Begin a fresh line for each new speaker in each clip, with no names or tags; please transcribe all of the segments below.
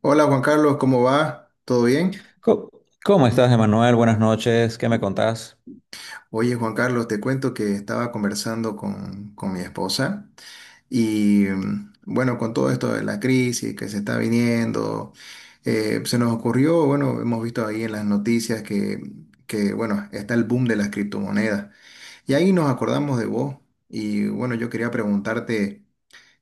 Hola Juan Carlos, ¿cómo va? ¿Todo bien?
Co- ¿Cómo estás, Emanuel? Buenas noches. ¿Qué me contás?
Oye Juan Carlos, te cuento que estaba conversando con mi esposa y bueno, con todo esto de la crisis que se está viniendo, se nos ocurrió, bueno, hemos visto ahí en las noticias que bueno, está el boom de las criptomonedas y ahí nos acordamos de vos y bueno, yo quería preguntarte...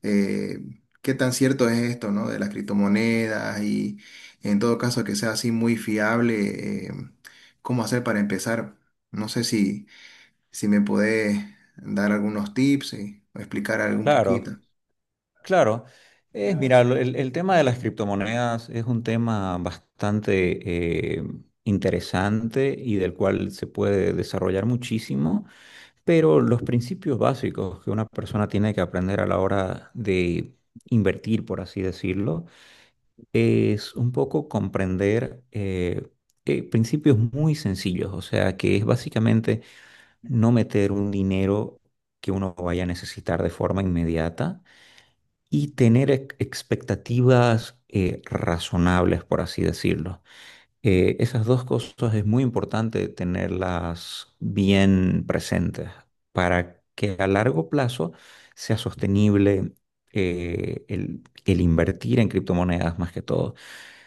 eh, qué tan cierto es esto, ¿no? De las criptomonedas y en todo caso que sea así muy fiable, ¿cómo hacer para empezar? No sé si me podés dar algunos tips y, o explicar algún
Claro,
poquito.
claro. Es, mira, el tema de las criptomonedas es un tema bastante interesante y del cual se puede desarrollar muchísimo, pero los principios básicos que una persona tiene que aprender a la hora de invertir, por así decirlo, es un poco comprender principios muy sencillos, o sea, que es básicamente... no meter un dinero que uno vaya a necesitar de forma inmediata y tener expectativas razonables, por así decirlo. Esas dos cosas es muy importante tenerlas bien presentes para que a largo plazo sea sostenible, el invertir en criptomonedas más que todo.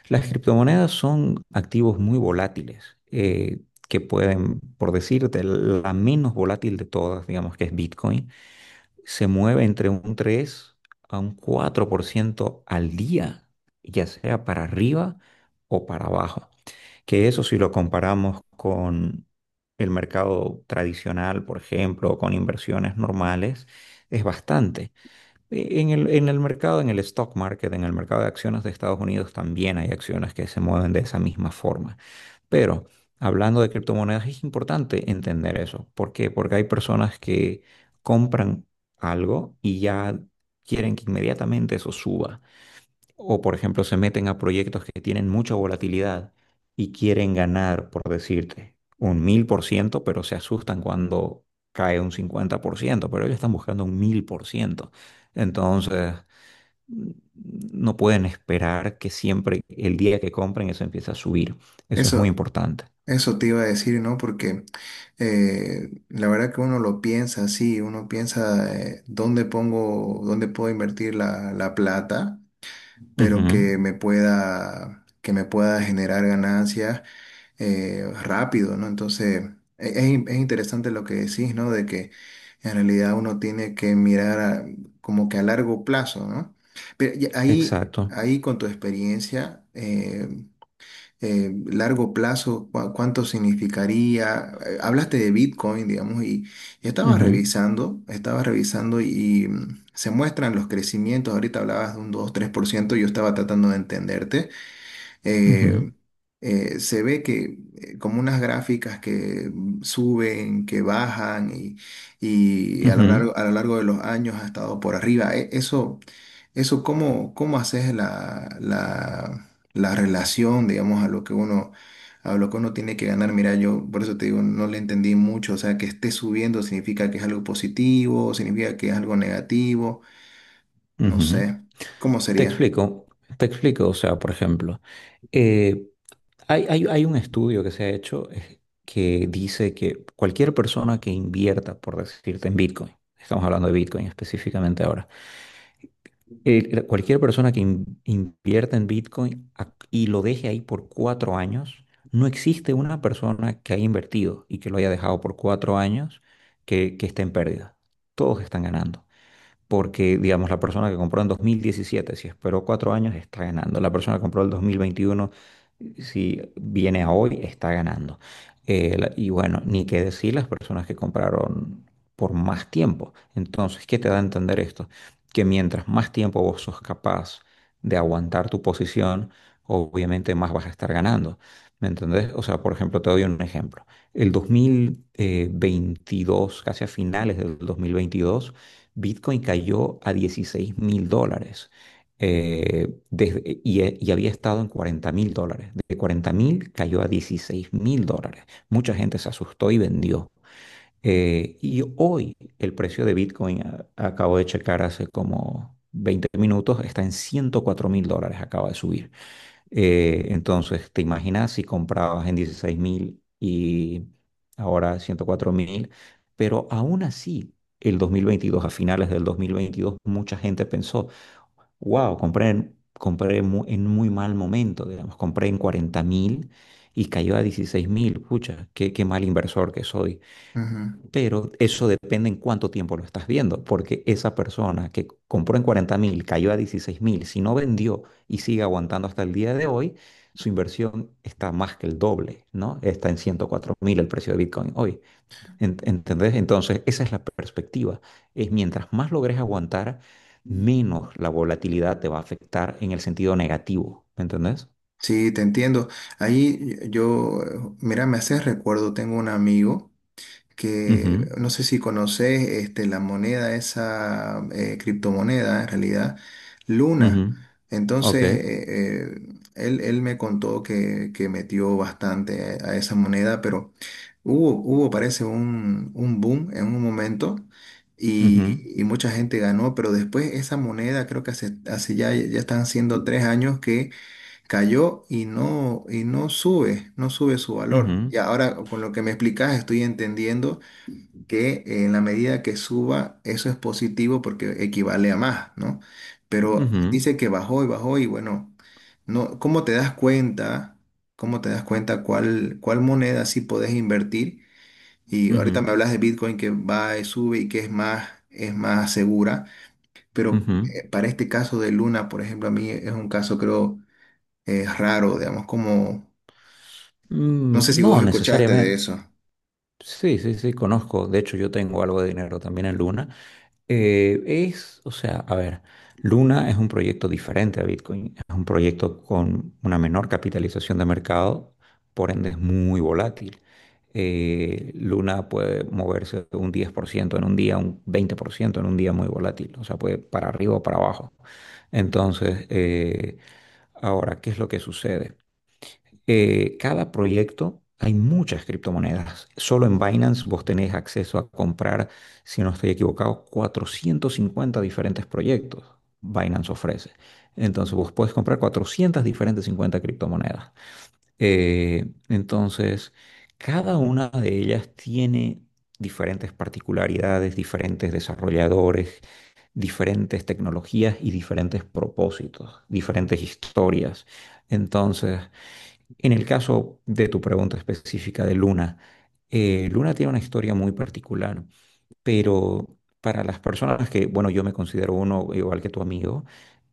Las criptomonedas son activos muy volátiles, que pueden, por decirte, la menos volátil de todas, digamos que es Bitcoin, se mueve entre un 3 a un 4% al día, ya sea para arriba o para abajo. Que eso, si lo comparamos con el mercado tradicional, por ejemplo, o con inversiones normales, es bastante. En el mercado, en el stock market, en el mercado de acciones de Estados Unidos también hay acciones que se mueven de esa misma forma. Pero hablando de criptomonedas, es importante entender eso. ¿Por qué? Porque hay personas que compran algo y ya quieren que inmediatamente eso suba. O, por ejemplo, se meten a proyectos que tienen mucha volatilidad y quieren ganar, por decirte, un 1000%, pero se asustan cuando cae un 50%, pero ellos están buscando un 1000%. Entonces, mm, no pueden esperar que siempre el día que compren eso empiece a subir. Eso es muy
Eso,
importante.
eso te iba a decir, ¿no? Porque la verdad que uno lo piensa así, uno piensa dónde pongo, dónde puedo invertir la plata, pero
Ujú.
que me pueda generar ganancias rápido, ¿no? Entonces, es interesante lo que decís, ¿no? De que en realidad uno tiene que mirar como que a largo plazo, ¿no? Pero y ahí,
Exacto.
ahí con tu experiencia, largo plazo, ¿cuánto significaría? Hablaste de Bitcoin, digamos, y yo estaba
Ujú,
revisando, estaba revisando y se muestran los crecimientos, ahorita hablabas de un dos tres por ciento, yo estaba tratando de entenderte, eh,
ujú,
se ve que como unas gráficas que suben, que bajan y a lo
ujú,
largo, a lo largo de los años ha estado por arriba. Eso, eso ¿cómo haces la relación, digamos, a lo que uno tiene que ganar? Mira, yo por eso te digo, no le entendí mucho, o sea, que esté subiendo significa que es algo positivo, significa que es algo negativo, no
ujú.
sé, ¿cómo
Te
sería?
explico, te explico, o sea, por ejemplo. eh, hay un estudio que se ha hecho, que dice que cualquier persona que invierta, por decirte, en Bitcoin, estamos hablando de Bitcoin específicamente ahora. Cualquier persona que invierta en Bitcoin y lo deje ahí por 4 años, no existe una persona que haya invertido y que lo haya dejado por 4 años que esté en pérdida. Todos están ganando porque, digamos, la persona que compró en 2017, si esperó 4 años, está ganando. La persona que compró el 2021, si viene a hoy, está ganando. Y bueno, ni qué decir las personas que compraron por más tiempo. Entonces, ¿qué te da a entender esto? Que mientras más tiempo vos sos capaz de aguantar tu posición, obviamente más vas a estar ganando. ¿Me entendés? O sea, por ejemplo, te doy un ejemplo. El dos mil veintidós, casi a finales del 2022, Bitcoin cayó a $16.000, y había estado en $40.000. De 40.000 cayó a 16 mil dólares. Mucha gente se asustó y vendió. Y hoy el precio de Bitcoin, acabo de checar hace como 20 minutos, está en $104.000, acaba de subir. Entonces, ¿te imaginas si comprabas en 16.000 y ahora 104.000? Pero aún así, el 2022, a finales del dos mil veintidós, mucha gente pensó, wow, compré, en muy mal momento, digamos, compré en 40.000 y cayó a 16.000, pucha, qué, qué mal inversor que soy. Pero eso depende en cuánto tiempo lo estás viendo, porque esa persona que compró en 40.000, cayó a 16 mil, si no vendió y sigue aguantando hasta el día de hoy, su inversión está más que el doble, ¿no? Está en 104 mil el precio de Bitcoin hoy. ¿Entendés? Entonces, esa es la perspectiva. Es, mientras más logres aguantar, menos la volatilidad te va a afectar en el sentido negativo. ¿Me entendés?
Sí, te entiendo. Ahí yo, mira, me haces recuerdo, tengo un amigo que
Ujú,
no sé si conoces este, la moneda, esa criptomoneda en realidad,
ujú,
Luna.
ok.
Entonces, eh, él me contó que metió bastante a esa moneda, pero hubo parece un boom en un momento.
Ujú,
Y mucha gente ganó, pero después esa moneda creo que hace ya están siendo 3 años que cayó y no sube su valor.
ujú,
Y ahora con lo que me explicas estoy entendiendo que en la medida que suba eso es positivo porque equivale a más, ¿no? Pero
ujú,
dice que bajó y bajó y bueno, no, ¿cómo te das cuenta? ¿Cómo te das cuenta cuál moneda sí podés invertir? Y ahorita
ujú,
me hablas de Bitcoin que va y sube y que es más, segura, pero
ujú.
para este caso de Luna, por ejemplo, a mí es un caso creo es raro, digamos, como. No sé
Mm,
si vos
no
escuchaste de
necesariamente.
eso.
Sí, sí, sí, conozco. De hecho, yo tengo algo de dinero también en Luna. Es, o sea, a ver, Luna es un proyecto diferente a Bitcoin. Es un proyecto con una menor capitalización de mercado, por ende es muy volátil. Luna puede moverse un 10% en un día, un 20% en un día, muy volátil. O sea, puede para arriba o para abajo. Entonces, ahora, ¿qué es lo que sucede? Cada proyecto, hay muchas criptomonedas. Solo en Binance vos tenés acceso a comprar, si no estoy equivocado, 450 diferentes proyectos. Binance ofrece. Entonces vos podés comprar 400 diferentes 50 criptomonedas. Entonces, cada una de ellas tiene diferentes particularidades, diferentes desarrolladores, diferentes tecnologías y diferentes propósitos, diferentes historias. Entonces, en el caso de tu pregunta específica de Luna, Luna tiene una historia muy particular, pero para las personas que, bueno, yo me considero uno igual que tu amigo,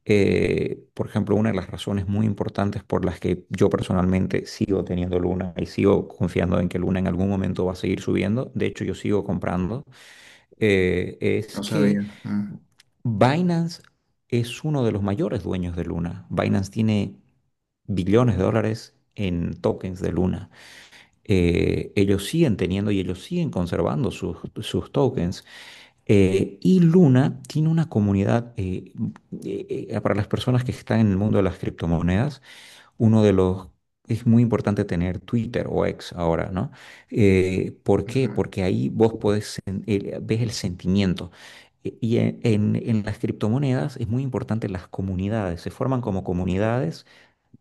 por ejemplo, una de las razones muy importantes por las que yo personalmente sigo teniendo Luna y sigo confiando en que Luna en algún momento va a seguir subiendo, de hecho yo sigo comprando, es
No
que
sabía. Mm,
Binance es uno de los mayores dueños de Luna. Binance tiene billones de dólares en tokens de Luna. Ellos siguen teniendo y ellos siguen conservando sus tokens. Y Luna tiene una comunidad, para las personas que están en el mundo de las criptomonedas, uno de los... Es muy importante tener Twitter o X ahora, ¿no? ¿Por qué?
ujú.
Porque ahí vos podés, ves el sentimiento. Y en las criptomonedas es muy importante las comunidades. Se forman como comunidades,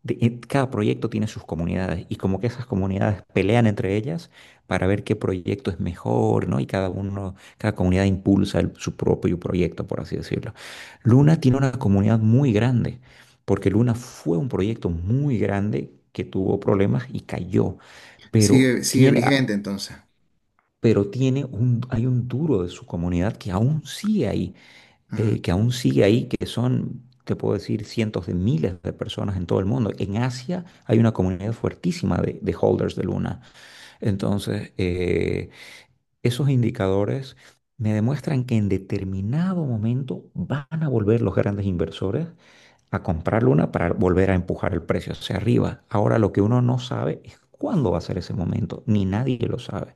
y cada proyecto tiene sus comunidades y como que esas comunidades pelean entre ellas para ver qué proyecto es mejor, ¿no? Y cada uno, cada comunidad impulsa su propio proyecto, por así decirlo. Luna tiene una comunidad muy grande, porque Luna fue un proyecto muy grande que tuvo problemas y cayó, pero
Sigue vigente entonces.
pero tiene un, hay un duro de su comunidad que aún sigue ahí,
Mm.
que aún sigue ahí, que son, te puedo decir, cientos de miles de personas en todo el mundo. En Asia hay una comunidad fuertísima de holders de Luna. Entonces, esos indicadores me demuestran que en determinado momento van a volver los grandes inversores a comprar Luna para volver a empujar el precio hacia arriba. Ahora, lo que uno no sabe es cuándo va a ser ese momento, ni nadie lo sabe.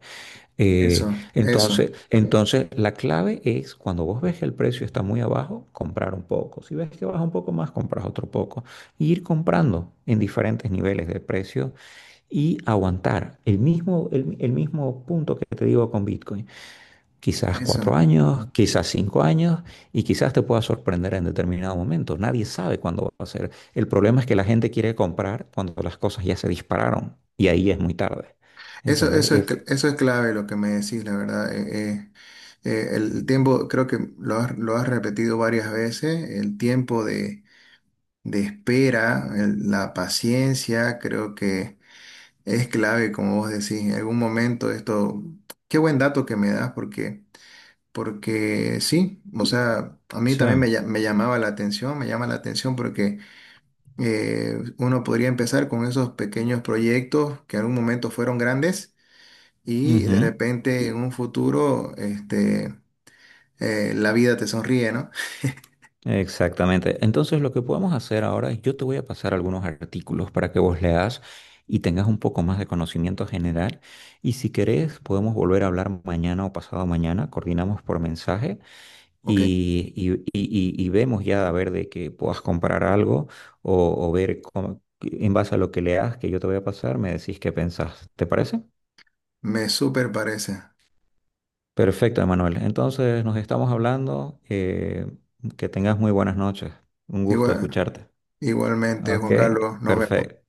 Eh,
Eso, eso,
entonces, la clave es, cuando vos ves que el precio está muy abajo, comprar un poco. Si ves que baja un poco más, compras otro poco. Y ir comprando en diferentes niveles de precio y aguantar el mismo, el mismo punto que te digo con Bitcoin. Quizás
eso.
4 años, quizás 5 años, y quizás te pueda sorprender en determinado momento. Nadie sabe cuándo va a ser. El problema es que la gente quiere comprar cuando las cosas ya se dispararon y ahí es muy tarde.
Eso,
¿Entendés?
eso es, cl- eso es clave lo que me decís, la verdad. El tiempo, creo que lo has repetido varias veces, el tiempo de espera, la paciencia, creo que es clave, como vos decís. En algún momento esto, qué buen dato que me das. Porque sí, o sea, a mí
Sí.
también me llamaba la atención, me llama la atención porque uno podría empezar con esos pequeños proyectos que en algún momento fueron grandes y de
Ujú.
repente en un futuro este, la vida te sonríe, ¿no?
Exactamente. Entonces, lo que podemos hacer ahora es, yo te voy a pasar algunos artículos para que vos leas y tengas un poco más de conocimiento general. Y si querés, podemos volver a hablar mañana o pasado mañana, coordinamos por mensaje,
Ok,
y vemos ya a ver de que puedas comprar algo, o ver en base a lo que leas que yo te voy a pasar, me decís qué pensás. ¿Te parece?
me súper parece.
Perfecto, Emanuel. Entonces, nos estamos hablando. Que tengas muy buenas noches. Un gusto
Igual,
escucharte.
igualmente,
Ok,
Juan Carlos, nos vemos.
perfecto.